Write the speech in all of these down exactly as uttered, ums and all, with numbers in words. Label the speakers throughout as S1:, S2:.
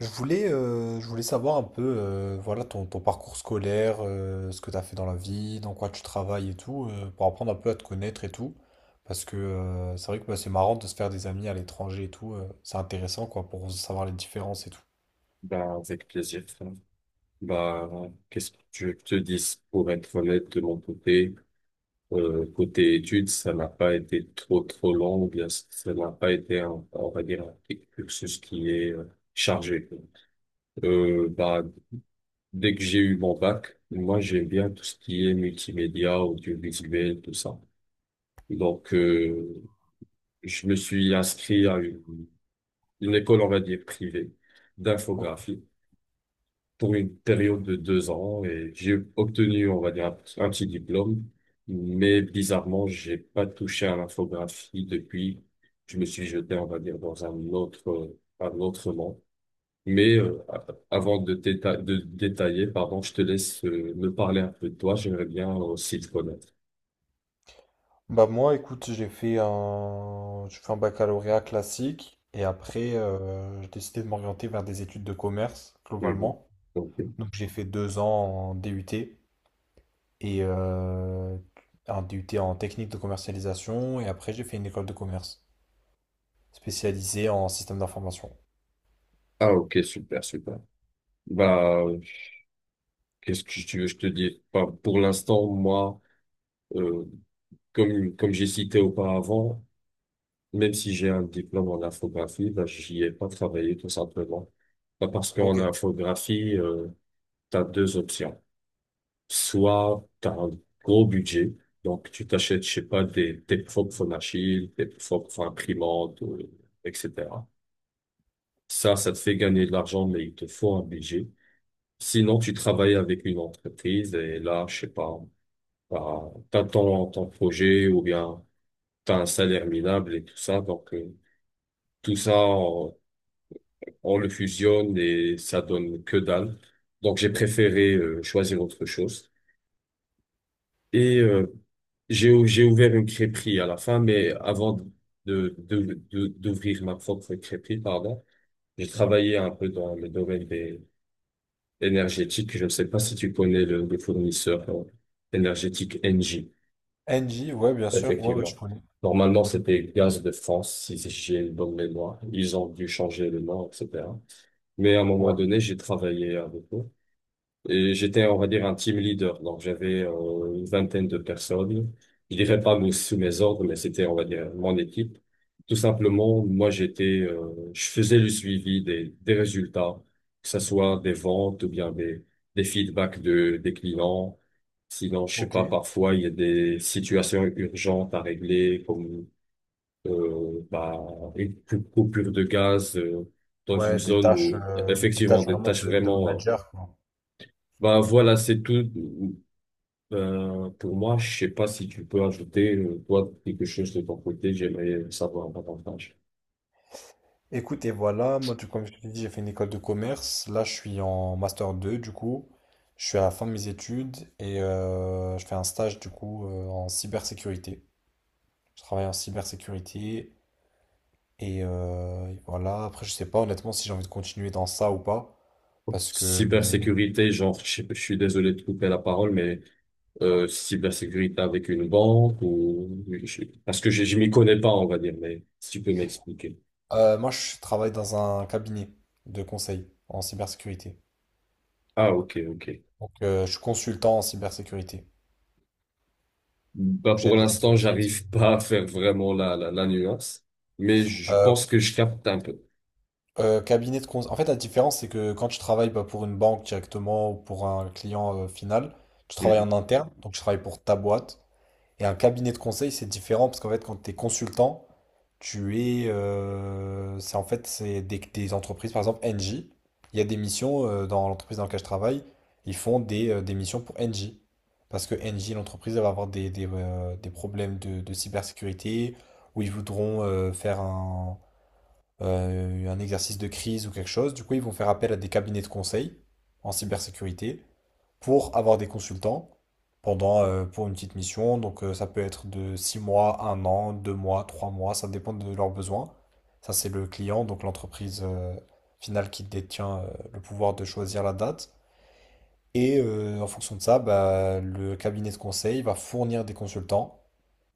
S1: Je voulais, euh, je voulais savoir un peu euh, voilà, ton, ton parcours scolaire, euh, ce que tu as fait dans la vie, dans quoi tu travailles et tout, euh, pour apprendre un peu à te connaître et tout. Parce que euh, c'est vrai que bah, c'est marrant de se faire des amis à l'étranger et tout. Euh, c'est intéressant quoi, pour savoir les différences et tout.
S2: Bah, avec plaisir, frère. Bah, qu'est-ce que tu veux que je te dise? Pour être honnête, de mon côté, euh, côté études, ça n'a pas été trop, trop long, ou bien ça n'a pas été, un, on va dire, un cursus qui est euh, chargé. Euh, bah, dès que j'ai eu mon bac, moi, j'aime bien tout ce qui est multimédia, audiovisuel, tout ça. Donc, euh, je me suis inscrit à une, une école, on va dire, privée
S1: Ok.
S2: d'infographie, pour une période de deux ans et j'ai obtenu, on va dire, un, un petit diplôme. Mais bizarrement, j'ai pas touché à l'infographie depuis. Je me suis jeté, on va dire, dans un autre, un autre monde. Mais euh, a- avant de, déta- de détailler, pardon, je te laisse euh, me parler un peu de toi. J'aimerais bien aussi te connaître.
S1: Bah moi, écoute, j'ai fait un... j'ai fait un baccalauréat classique et après, euh, j'ai décidé de m'orienter vers des études de commerce,
S2: Mhm.
S1: globalement.
S2: Ok.
S1: Donc j'ai fait deux ans en D U T et euh, un D U T en technique de commercialisation. Et après, j'ai fait une école de commerce spécialisée en système d'information.
S2: Ah, ok, super, super. Bah, qu'est-ce que tu veux, je te dis? Bah, pour l'instant, moi, euh, comme, comme j'ai cité auparavant, même si j'ai un diplôme en infographie, bah, j'y ai pas travaillé tout simplement. Bah, parce
S1: Ok.
S2: qu'en infographie, euh, tu as deux options. Soit tu as un gros budget, donc tu t'achètes, je sais pas, des, tes propres phonachiles, tes propres imprimantes, euh, et cetera. Ça, ça te fait gagner de l'argent, mais il te faut un budget. Sinon, tu travailles avec une entreprise et là, je sais pas, bah, t'as ton, ton projet ou bien t'as un salaire minable et tout ça. Donc, euh, tout ça, on le fusionne et ça donne que dalle. Donc j'ai préféré euh, choisir autre chose. Et euh, j'ai j'ai ouvert une crêperie à la fin, mais avant de de de- d'ouvrir ma propre crêperie, pardon, j'ai travaillé un peu dans le domaine des énergétiques. Je ne sais pas si tu connais le, le fournisseur euh, énergétique Engie,
S1: N J, ouais, bien sûr. Ouais, ouais, je
S2: effectivement.
S1: connais.
S2: Normalement, c'était Gaz de France, si j'ai une bonne mémoire. Ils ont dû changer le nom, et cetera. Mais à un moment
S1: Ouais,
S2: donné, j'ai travaillé avec eux. Et j'étais, on va dire, un team leader. Donc, j'avais euh, une vingtaine de personnes. Je dirais pas mes- sous mes ordres, mais c'était, on va dire, mon équipe. Tout simplement, moi, j'étais, euh, je faisais le suivi des, des résultats, que ce soit des ventes ou bien des, des feedbacks de, des clients. Sinon, je sais
S1: ok.
S2: pas, parfois, il y a des situations urgentes à régler, comme euh, bah, une cou- coupure de gaz euh, dans une
S1: Ouais, des
S2: zone
S1: tâches,
S2: où,
S1: euh, des
S2: effectivement,
S1: tâches
S2: des
S1: vraiment
S2: tâches
S1: de, de
S2: vraiment. euh,
S1: manager, quoi.
S2: bah voilà, c'est tout. Ben, pour moi, je sais pas si tu peux ajouter, euh, toi, quelque chose de ton côté. J'aimerais savoir davantage.
S1: Écoute, et voilà, moi, du- comme je te dis, j'ai fait une école de commerce. Là, je suis en master deux du coup. Je suis à la fin de mes études et euh, je fais un stage, du coup, euh, en cybersécurité. Je travaille en cybersécurité. Et, euh, voilà, après je sais pas honnêtement si j'ai envie de continuer dans ça ou pas, parce que euh,
S2: Cybersécurité, genre, je, sais pas, je suis désolé de couper la parole, mais euh, cybersécurité avec une banque ou... je- Parce que je, je m'y connais pas, on va dire, mais si tu peux m'expliquer.
S1: euh, moi je travaille dans un cabinet de conseil en cybersécurité.
S2: Ah, ok, ok.
S1: Donc euh, je suis consultant en cybersécurité.
S2: Bah,
S1: Donc
S2: pour
S1: j'aide les
S2: l'instant,
S1: entreprises.
S2: j'arrive pas à faire vraiment la, la, la nuance, mais je
S1: Euh,
S2: pense que je capte un peu.
S1: euh, Cabinet de conseil. En fait la différence c'est que quand tu travailles bah, pour une banque directement ou pour un client euh, final, tu travailles
S2: Mhm.
S1: en interne, donc tu travailles pour ta boîte. Et un cabinet de conseil, c'est différent parce qu'en fait, quand tu es consultant, tu es. Euh, c'est en fait, c'est des, des entreprises, par exemple, Engie. Il y a des missions euh, dans l'entreprise dans laquelle je travaille, ils font des, euh, des missions pour Engie. Parce que Engie, l'entreprise, elle va avoir des, des, euh, des problèmes de, de cybersécurité où ils voudront euh, faire un, euh, un exercice de crise ou quelque chose. Du coup, ils vont faire appel à des cabinets de conseil en cybersécurité pour avoir des consultants pendant, euh, pour une petite mission. Donc, euh, ça peut être de six mois, un an, deux mois, trois mois, ça dépend de leurs besoins. Ça, c'est le client, donc l'entreprise euh, finale qui détient euh, le pouvoir de choisir la date. Et euh, en fonction de ça, bah, le cabinet de conseil va fournir des consultants,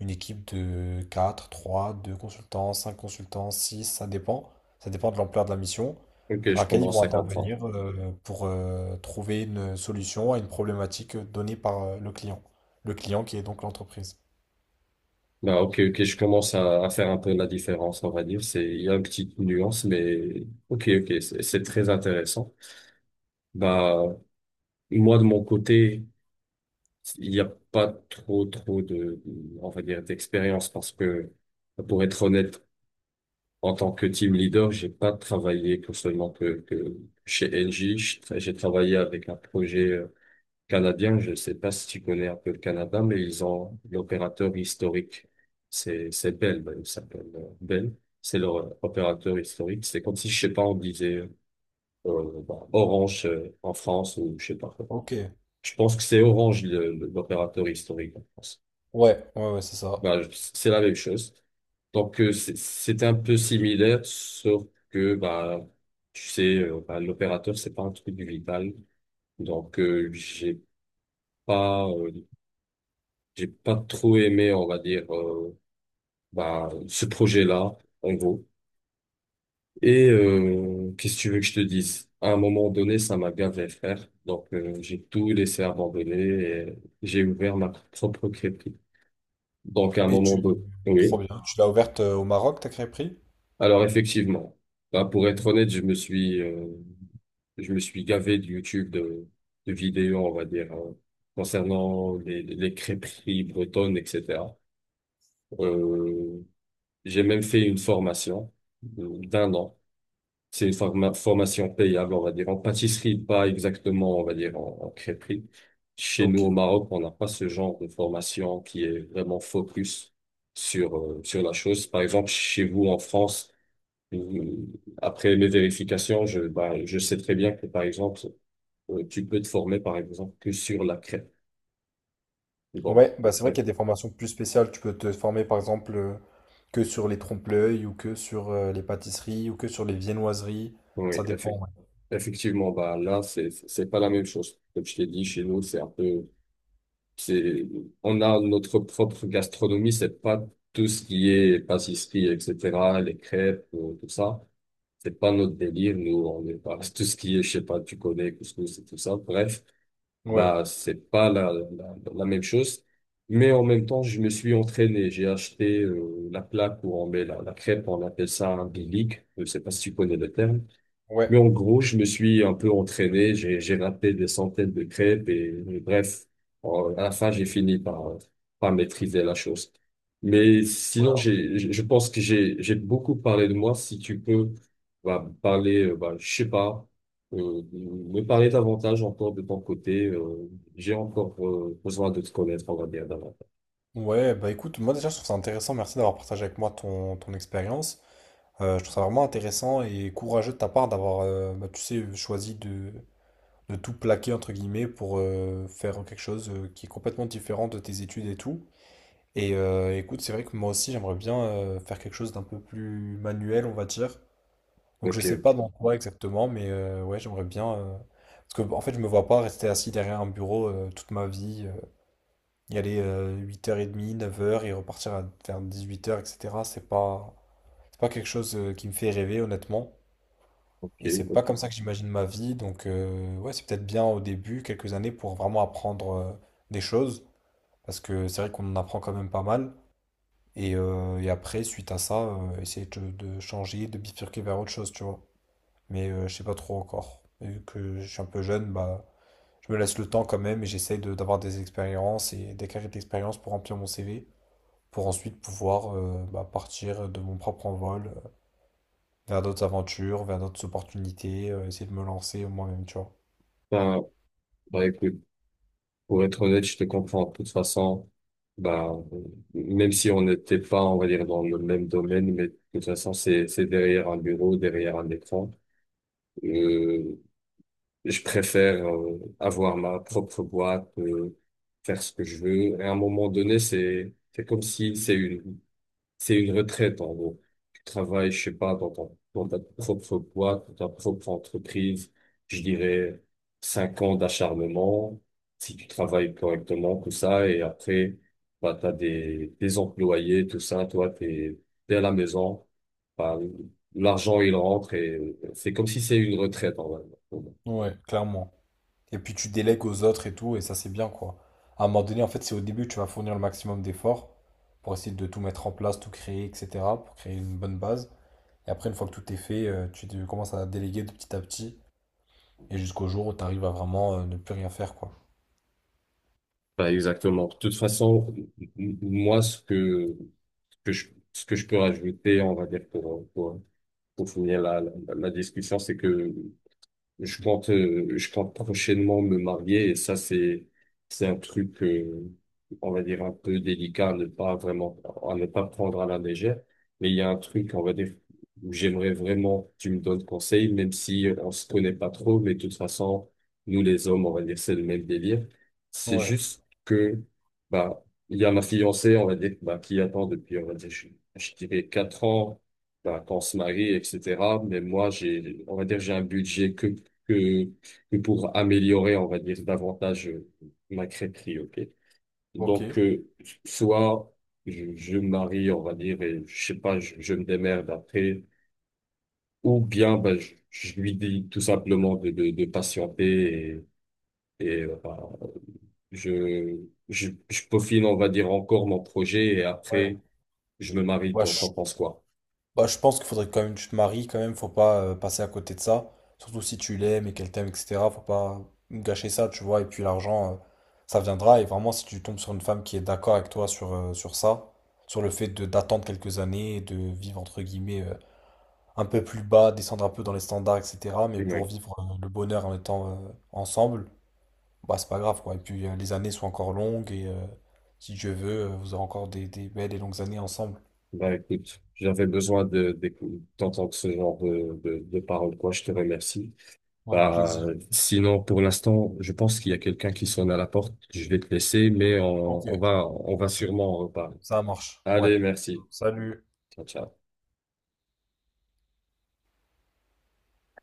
S1: une équipe de quatre, trois, deux consultants, cinq consultants, six, ça dépend. Ça dépend de l'ampleur de la mission,
S2: Ok,
S1: dans
S2: je
S1: laquelle ils
S2: commence
S1: vont
S2: à comprendre.
S1: intervenir euh, pour euh, trouver une solution à une problématique donnée par euh, le client. Le client qui est donc l'entreprise.
S2: Bah, ok, ok, je commence à, à faire un peu la différence, on va dire. C'est, il y a une petite nuance, mais ok, ok, c'est c'est très intéressant. Bah, moi, de mon côté, il n'y a pas trop, trop de, on va dire, d'expérience parce que, pour être honnête, en tant que team leader, j'ai pas travaillé que seulement que, que chez N J. J'ai tra- j'ai travaillé avec un projet euh, canadien, je ne sais pas si tu connais un peu le Canada, mais ils ont l'opérateur historique. C'est c'est Bell, ben, il s'appelle euh, Bell. C'est leur euh, opérateur historique. C'est comme si, je sais pas, on disait euh, bah, Orange euh, en France ou je sais pas quoi.
S1: Ok.
S2: Je pense que c'est Orange le- le- l'opérateur historique en France.
S1: Ouais, ouais, ouais, c'est ça.
S2: Bah, je- c'est la même chose. Donc euh, c'est c'est un peu similaire, sauf que bah tu sais, euh, bah, l'opérateur c'est pas un truc vital. Donc euh, j'ai pas euh, J'ai pas trop aimé, on va dire, euh, bah, ce projet-là, en gros. Et euh, qu'est-ce que tu veux que je te dise? À un moment donné, ça m'a gavé, frère. Donc, euh, j'ai tout laissé abandonner et j'ai ouvert ma propre crêperie. Donc, à un
S1: Et
S2: moment
S1: tu...
S2: donné,
S1: Trop
S2: oui.
S1: bien. Tu l'as ouverte euh, au Maroc, ta crêperie?
S2: Alors, effectivement, bah, pour être honnête, je me suis, euh, je me suis gavé de YouTube, de, de vidéos, on va dire, hein, concernant les, les crêperies bretonnes, et cetera. J'ai même fait une formation euh, d'un an. C'est une forma- formation payable, on va dire, en pâtisserie, pas exactement, on va dire, en, en crêperie. Chez nous,
S1: Ok.
S2: au Maroc, on n'a pas ce genre de formation qui est vraiment focus sur, euh, sur la chose. Par exemple, chez vous, en France, euh, après mes vérifications, je, bah, je sais très bien que, par exemple, euh, tu peux te former, par exemple, que sur la crêpe. Bon,
S1: Ouais, bah c'est vrai
S2: euh,
S1: qu'il y a des formations plus spéciales. Tu peux te former par exemple euh, que sur les trompe-l'œil ou que sur euh, les pâtisseries ou que sur les viennoiseries.
S2: oui,
S1: Ça
S2: effe-
S1: dépend. Ouais,
S2: effectivement, bah, là, c'est, c'est pas la même chose. Comme je t'ai dit, chez nous, c'est un peu. C'est, on a notre propre gastronomie, c'est pas tout ce qui est pâtisserie, et cetera, les crêpes, euh, tout ça. C'est pas notre délire, nous, on est pas, tout ce qui est, je sais pas, tu connais, couscous et tout ça. Bref,
S1: ouais,
S2: bah, c'est pas la, la, la même chose. Mais en même temps, je me suis entraîné. J'ai acheté, euh, la plaque où on met la, la crêpe, on appelle ça un bilic. Je sais pas si tu connais le terme.
S1: ouais.
S2: Mais en gros, je me suis un peu entraîné, j'ai j'ai raté des centaines de crêpes et et bref, en- à la fin, j'ai fini par par maîtriser la chose. Mais sinon,
S1: Ouais.
S2: j'ai je je pense que j'ai j'ai beaucoup parlé de moi. Si tu peux bah, parler, euh, bah, je sais pas, euh, me parler davantage encore de ton côté. euh, j'ai encore euh, besoin de te connaître, on va dire davantage.
S1: Ouais, bah écoute, moi déjà je trouve ça intéressant. Merci d'avoir partagé avec moi ton, ton expérience. Euh, je trouve ça vraiment intéressant et courageux de ta part d'avoir, euh, bah, tu sais, choisi de, de, tout plaquer entre guillemets pour euh, faire quelque chose euh, qui est complètement différent de tes études et tout. Et euh, écoute, c'est vrai que moi aussi j'aimerais bien euh, faire quelque chose d'un peu plus manuel, on va dire. Donc je
S2: Ok,
S1: sais pas
S2: ok,
S1: dans quoi exactement, mais euh, ouais, j'aimerais bien. euh, Parce que en fait, je me vois pas rester assis derrière un bureau euh, toute ma vie, euh, y aller huit heures trente, neuf heures et repartir à, vers dix-huit heures, et cetera. C'est pas, c'est pas quelque chose euh, qui me fait rêver, honnêtement.
S2: ok,
S1: Et c'est pas
S2: ok.
S1: comme ça que j'imagine ma vie. Donc euh, ouais, c'est peut-être bien au début, quelques années, pour vraiment apprendre euh, des choses. Parce que c'est vrai qu'on en apprend quand même pas mal. Et, euh, et après, suite à ça, euh, essayer de, de changer, de bifurquer vers autre chose, tu vois. Mais euh, je sais pas trop encore. Et vu que je suis un peu jeune, bah, je me laisse le temps quand même et j'essaye de- d'avoir des expériences et d'acquérir de l'expérience pour remplir mon C V, pour ensuite pouvoir euh, bah, partir de mon propre envol euh, vers d'autres aventures, vers d'autres opportunités, euh, essayer de me lancer moi-même, tu vois.
S2: Bah, bah écoute. Pour être honnête, je te comprends. De toute façon, bah, même si on n'était pas, on va dire, dans le même domaine, mais de toute façon, c'est, c'est derrière un bureau, derrière un écran. Euh, je préfère euh, avoir ma propre boîte, euh, faire ce que je veux. Et à un moment donné, c'est, c'est comme si c'est une c'est une retraite en gros. Tu travailles, je sais pas, dans ton- dans ta propre boîte, dans ta propre entreprise, je dirais cinq ans d'acharnement, si tu travailles correctement, tout ça, et après, bah, t'as des, des employés, tout ça, toi, t'es, t'es à la maison, bah, l'argent, il rentre et c'est comme si c'est une retraite, en vrai.
S1: Ouais. Clairement. Et puis tu délègues aux autres et tout, et ça c'est bien quoi. À un moment donné, en fait, c'est au début que tu vas fournir le maximum d'efforts pour essayer de tout mettre en place, tout créer, et cetera, pour créer une bonne base. Et après, une fois que tout est fait, euh, tu te- commences à déléguer de petit à petit. Et jusqu'au jour où tu arrives à vraiment euh, ne plus rien faire, quoi.
S2: Bah, exactement. De toute façon, m- m- moi, ce que, que je, ce que je peux rajouter, on va dire, pour, pour pour finir la, la, la discussion, c'est que je compte, euh, je compte prochainement me marier et ça, c'est, c'est un truc, euh, on va dire, un peu délicat à ne pas vraiment, à ne pas prendre à la légère. Mais il y a un truc, on va dire, où j'aimerais vraiment que tu me donnes conseil, même si on se connaît pas trop, mais de toute façon, nous les hommes, on va dire, c'est le même délire. C'est
S1: Ouais,
S2: juste que, bah, il y a ma fiancée, on va dire, bah, qui attend depuis, on va dire, je, je dirais quatre ans bah, qu'on se marie, et cetera. Mais moi, j'ai, on va dire, j'ai un budget que que, que pour améliorer, on va dire, davantage euh, ma crêperie, ok?
S1: ok.
S2: Donc, euh, soit je, je me marie, on va dire, et je sais pas, je, je me démerde après, ou bien ben, je, je lui dis tout simplement de, de, de patienter et, et euh, ben, je, je, je peaufine, on va dire, encore mon projet et
S1: Ouais.
S2: après, je me marie,
S1: Ouais,
S2: t'en t'en
S1: je,
S2: penses quoi?
S1: bah, je pense qu'il faudrait quand même que tu te maries, quand même, faut pas euh, passer à côté de ça. Surtout si tu l'aimes et qu'elle t'aime, et cetera. Faut pas gâcher ça, tu vois. Et puis l'argent, euh, ça viendra. Et vraiment, si tu tombes sur une femme qui est d'accord avec toi sur, euh, sur ça, sur le fait de d'attendre quelques années, et de vivre entre guillemets euh, un peu plus bas, descendre un peu dans les standards, et cetera. Mais pour
S2: Ouais.
S1: vivre euh, le bonheur en étant euh, ensemble, bah, c'est pas grave, quoi. Et puis, euh, les années sont encore longues et euh, si Dieu veut, euh, vous aurez encore des, des belles et longues années ensemble.
S2: Bah écoute, j'avais besoin de, d'écou- d'entendre ce genre de, de, de paroles, quoi. Je te remercie.
S1: Ouais, avec
S2: Bah,
S1: plaisir.
S2: sinon, pour l'instant, je pense qu'il y a quelqu'un qui sonne à la porte. Je vais te laisser, mais
S1: Ok,
S2: on, on va, on va sûrement en reparler.
S1: ça marche. Ouais.
S2: Allez, merci.
S1: Salut.
S2: Ciao, ciao.